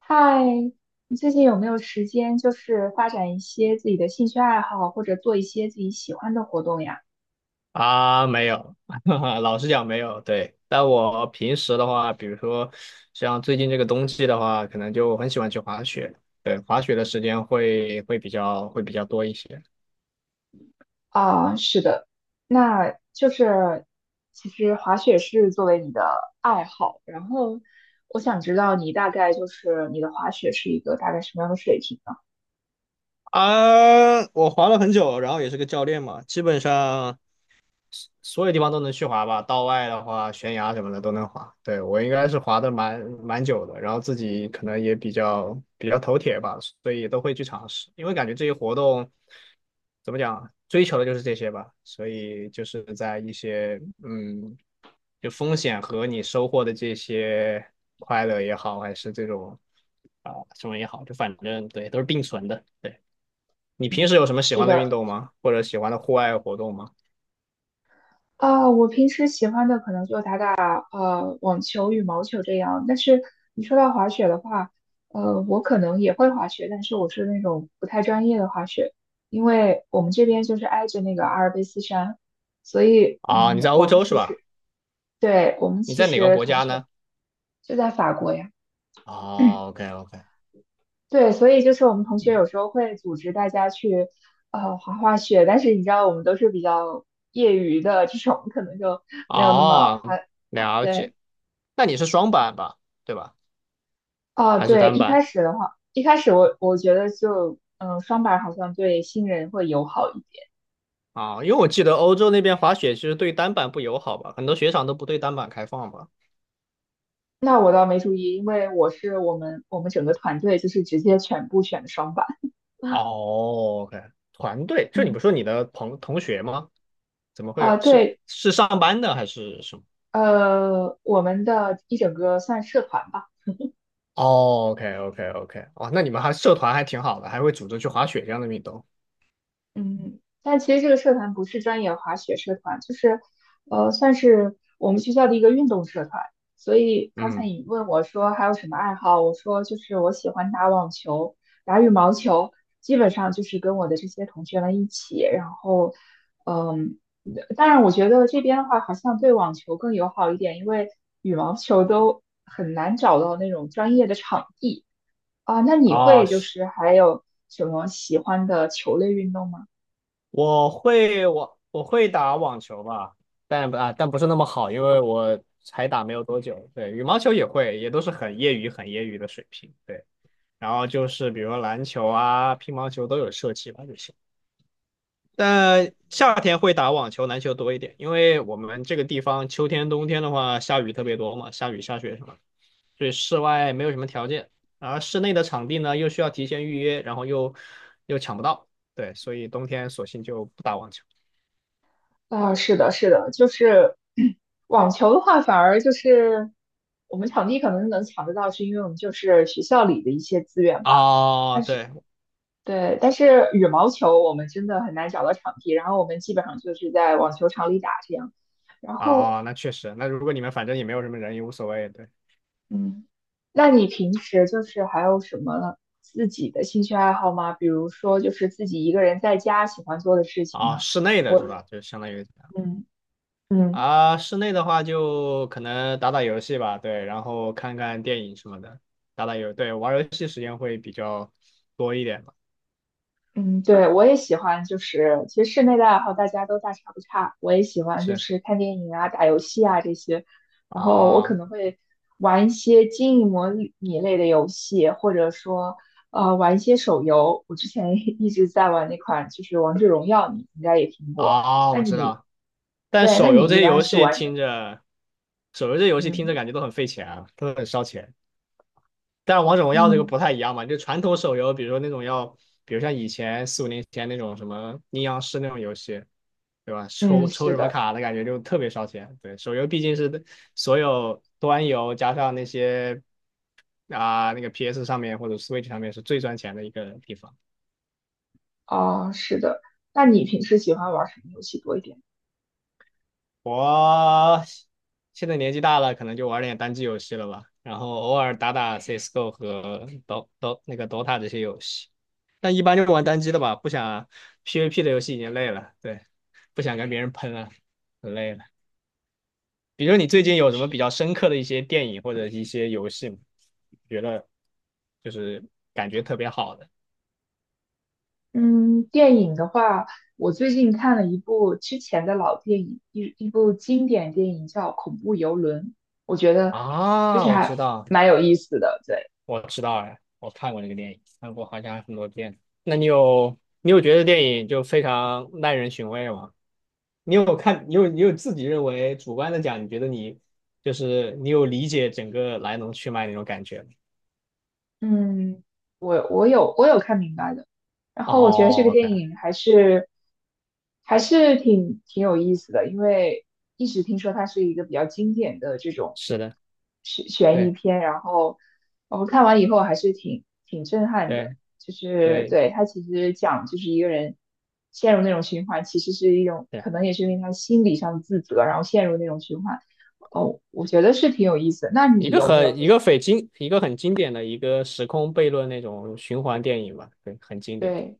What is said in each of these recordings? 嗨，你最近有没有时间，就是发展一些自己的兴趣爱好，或者做一些自己喜欢的活动呀？啊，没有，老实讲没有。对，但我平时的话，比如说像最近这个冬季的话，可能就很喜欢去滑雪。对，滑雪的时间会比较多一些。啊，是的，那就是其实滑雪是作为你的爱好，然后我想知道你大概就是你的滑雪是一个大概什么样的水平呢？啊，我滑了很久，然后也是个教练嘛，基本上所有地方都能去滑吧，道外的话，悬崖什么的都能滑。对，我应该是滑的蛮久的，然后自己可能也比较头铁吧，所以也都会去尝试。因为感觉这些活动怎么讲啊，追求的就是这些吧，所以就是在一些就风险和你收获的这些快乐也好，还是这种啊、什么也好，就反正对都是并存的。对，你平时嗯，有什么喜是欢的运的，动吗？或者喜欢的户外活动吗？啊，我平时喜欢的可能就打打网球、羽毛球这样。但是你说到滑雪的话，我可能也会滑雪，但是我是那种不太专业的滑雪，因为我们这边就是挨着那个阿尔卑斯山，所以啊，你在欧我们洲是其吧？实对我们你其在哪个实国同家学呢？就在法国呀，哦，OK OK,对，所以就是我们同学嗯，有时候会组织大家去滑滑雪，但是你知道我们都是比较业余的这种，可能就没有那么哦，滑，滑了对。解。那你是双板吧？对吧？哦，还是对，单一板？开始的话，一开始我觉得就，嗯，双板好像对新人会友好一点。啊、因为我记得欧洲那边滑雪其实对单板不友好吧，很多雪场都不对单板开放吧。那我倒没注意，因为我是我们整个团队就是直接全部选的双板。哦，OK,团队，就你嗯，不是说你的朋同学吗？怎么啊，会是对，是上班的还是什么？我们的一整个算社团吧。哦，OK OK OK,哦，那你们还社团还挺好的，还会组织去滑雪这样的运动。嗯，但其实这个社团不是专业滑雪社团，就是，算是我们学校的一个运动社团。所以刚才嗯，你问我说还有什么爱好，我说就是我喜欢打网球、打羽毛球，基本上就是跟我的这些同学们一起。然后，嗯，当然我觉得这边的话好像对网球更友好一点，因为羽毛球都很难找到那种专业的场地啊。那你啊会就是。是还有什么喜欢的球类运动吗？我会打网球吧，但不是那么好，因为我才打没有多久。对，羽毛球也会，也都是很业余的水平。对，然后就是比如说篮球啊、乒乓球都有涉及吧就行。但夏天会打网球、篮球多一点，因为我们这个地方秋天、冬天的话下雨特别多嘛，下雨下雪什么的，所以室外没有什么条件，而室内的场地呢又需要提前预约，然后又抢不到，对，所以冬天索性就不打网球。啊，是的，是的，就是 网球的话，反而就是我们场地可能能抢得到，是因为我们就是学校里的一些资源吧。哦，对，对，但是羽毛球我们真的很难找到场地，然后我们基本上就是在网球场里打这样。然后，哦，那确实，那如果你们反正也没有什么人，也无所谓，对，嗯，那你平时就是还有什么自己的兴趣爱好吗？比如说，就是自己一个人在家喜欢做的事情呢？啊、室内的我，是吧？就相当于嗯嗯。啊、室内的话就可能打打游戏吧，对，然后看看电影什么的，打打游，对，玩游戏时间会比较多一点吧，嗯，对，我也喜欢，就是其实室内的爱好大家都大差不差。我也喜欢就是，是看电影啊、打游戏啊这些，然后我可啊，能会玩一些经营模拟类的游戏，或者说玩一些手游。我之前 一直在玩那款就是《王者荣耀》，你应该也听过。啊、那我知你道，但对，那手游你这一些般游是戏玩什么？听着，手游这些游戏听着嗯感觉都很费钱啊，都很烧钱。但是王者荣耀这个嗯，不太一样嘛，就传统手游，比如说那种要，比如像以前四五年前那种什么阴阳师那种游戏，对吧？嗯，抽抽是什么的，卡的感觉就特别烧钱。对，手游毕竟是所有端游加上那些啊、那个 PS 上面或者 Switch 上面是最赚钱的一个地方。哦，是的。那你平时喜欢玩什么游戏多一点？我现在年纪大了，可能就玩点单机游戏了吧，然后偶尔打打 CS:GO 和 那个 Dota 这些游戏，但一般就是玩单机的吧，不想 PVP 的游戏已经累了，对，不想跟别人喷了，很累了。比如你最嗯近有什么比较深刻的一些电影或者一些游戏吗，觉得就是感觉特别好的。嗯，电影的话，我最近看了一部之前的老电影，一部经典电影叫《恐怖游轮》，我觉得就是啊？我知还道，蛮有意思的。对。我知道哎，我看过那个电影，看过好像很多遍。那你有你有觉得电影就非常耐人寻味吗？你有看你有你有自己认为主观的讲，你觉得你就是你有理解整个来龙去脉那种感觉吗？嗯，我有我看明白的，然后我觉得这个哦电，OK,影还是还是挺挺有意思的，因为一直听说它是一个比较经典的这种是的，悬疑对片，然后我们看完以后还是挺挺震撼的，对就是对对它其实讲就是一个人陷入那种循环，其实是一种对啊，可能也是因为他心理上的自责，然后陷入那种循环，哦，我觉得是挺有意思的。那一你个有没有很一个非经一个很经典的一个时空悖论那种循环电影吧，对，很经典。对？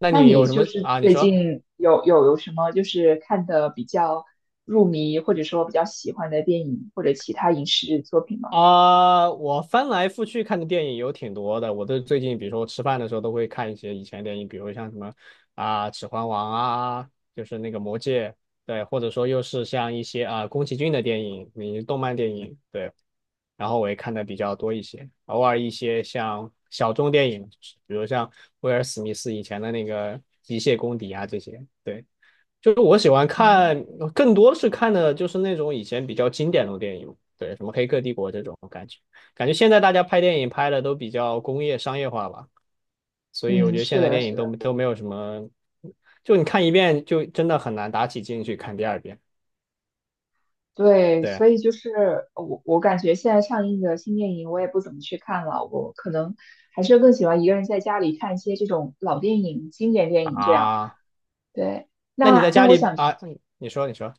那那你你有什就么是啊？你最说。近有什么就是看的比较入迷，或者说比较喜欢的电影或者其他影视作品吗？啊、我翻来覆去看的电影有挺多的。我都最近，比如说我吃饭的时候都会看一些以前电影，比如像什么啊、指环王》啊，就是那个《魔戒》，对，或者说又是像一些啊、宫崎骏的电影，你动漫电影，对。然后我也看的比较多一些，偶尔一些像小众电影，比如像威尔·史密斯以前的那个《机械公敌》啊这些，对。就是我喜欢嗯看，更多是看的就是那种以前比较经典的电影，对，什么《黑客帝国》这种感觉。感觉现在大家拍电影拍的都比较工业商业化吧，所以我嗯，觉得是现在的，电影是的，都没有什么，就你看一遍就真的很难打起劲去看第二遍。对，对所以就是我感觉现在上映的新电影我也不怎么去看了，我可能还是更喜欢一个人在家里看一些这种老电影、经典电影这样。啊，对，那你在那那家我里想去。啊？你说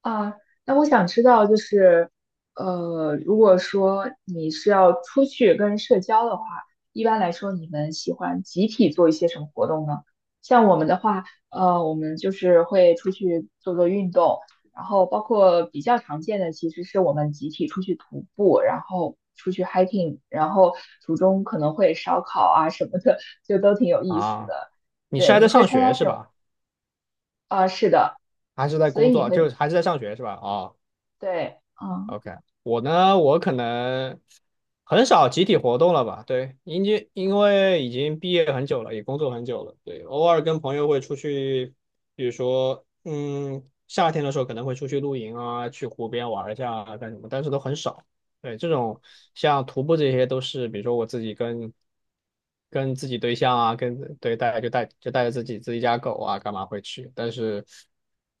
啊，那我想知道，就是，如果说你是要出去跟人社交的话，一般来说你们喜欢集体做一些什么活动呢？像我们的话，我们就是会出去做做运动，然后包括比较常见的，其实是我们集体出去徒步，然后出去 hiking，然后途中可能会烧烤啊什么的，就都挺有意思啊，的。你是对，还在你会上参加学是这种？吧？啊，是的，还是在所工以你作？就会，是还是在上学是吧？哦，对，嗯。OK,我呢，我可能很少集体活动了吧？对，因为已经毕业很久了，也工作很久了。对，偶尔跟朋友会出去，比如说，嗯，夏天的时候可能会出去露营啊，去湖边玩一下啊，干什么，但是都很少。对，这种像徒步这些都是，比如说我自己跟自己对象啊，跟对带就带就带着自己家狗啊，干嘛会去？但是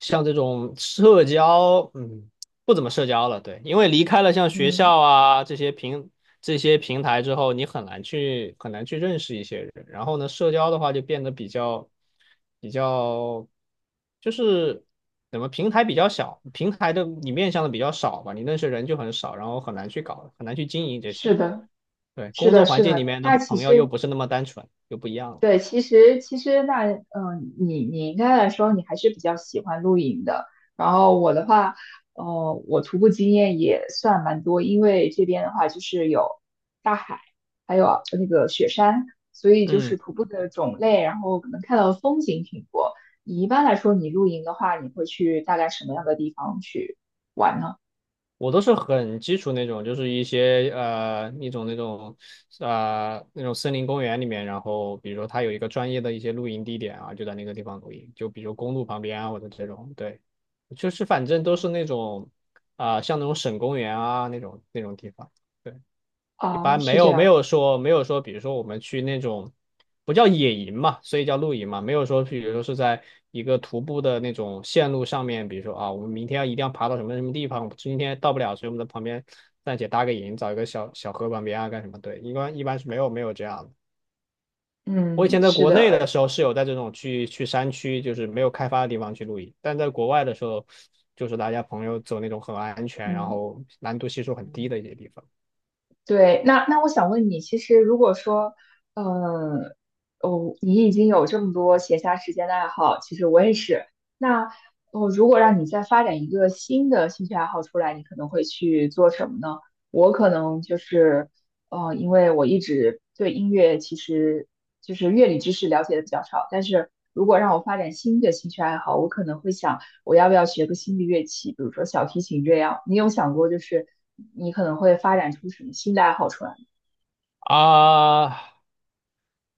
像这种社交，嗯。不怎么社交了，对，因为离开了像学嗯，校啊这些平台之后，你很难去很难去认识一些人。然后呢，社交的话就变得比较比较，就是怎么平台比较小，平台的你面向的比较少吧，你认识人就很少，然后很难去经营这是些。的，对，是工的，作环是境里的。面的那其朋友又实，不是那么单纯，又不一样了。对，其实其实那，嗯、你你应该来说，你还是比较喜欢露营的。然后我的话，我徒步经验也算蛮多，因为这边的话就是有大海，还有那个雪山，所以就是嗯。徒步的种类，然后可能看到的风景挺多。你一般来说，你露营的话，你会去大概什么样的地方去玩呢？我都是很基础那种，就是一些呃一种那种那种森林公园里面，然后比如说它有一个专业的一些露营地点啊，就在那个地方露营，就比如公路旁边啊或者这种，对，就是反正都是那种啊、像那种省公园啊那种地方，对，一哦，般没是这有没样，有说没有说，比如说我们去那种不叫野营嘛，所以叫露营嘛，没有说比如说是在一个徒步的那种线路上面，比如说啊，我们明天要一定要爬到什么什么地方，我今天到不了，所以我们在旁边暂且搭个营，找一个小河旁边啊干什么？对，一般是没有这样的。我以嗯，前在是国内的的，时候是有在这种去山区，就是没有开发的地方去露营，但在国外的时候，就是大家朋友走那种很安全，然嗯。后难度系数很低的一些地方。对，那那我想问你，其实如果说，呃，哦，你已经有这么多闲暇时间的爱好，其实我也是。那哦，如果让你再发展一个新的兴趣爱好出来，你可能会去做什么呢？我可能就是，因为我一直对音乐其实就是乐理知识了解的比较少，但是如果让我发展新的兴趣爱好，我可能会想。我要不要学个新的乐器，比如说小提琴这样？你有想过，就是你可能会发展出什么新的爱好出来吗？啊，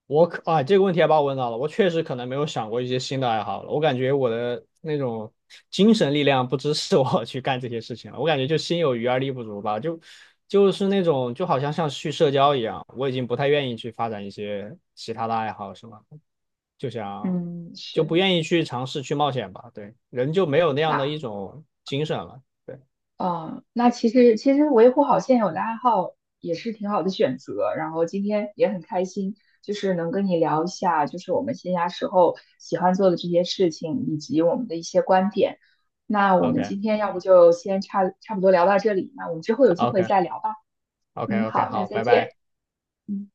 我可啊，这个问题还把我问到了。我确实可能没有想过一些新的爱好了。我感觉我的那种精神力量不支持我 去干这些事情了。我感觉就心有余而力不足吧，就是那种就好像去社交一样，我已经不太愿意去发展一些其他的爱好，是吗？就想嗯，就不是。愿意去尝试去冒险吧。对，人就没有那样的那一种精神了。对嗯，那其实其实维护好现有的爱好也是挺好的选择。然后今天也很开心，就是能跟你聊一下，就是我们闲暇时候喜欢做的这些事情，以及我们的一些观点。那我们，OK 今天要不就先差差不多聊到这里，那我们之后有机 OK 会再聊吧。OK 嗯，OK,好，那好，再拜见。拜。嗯。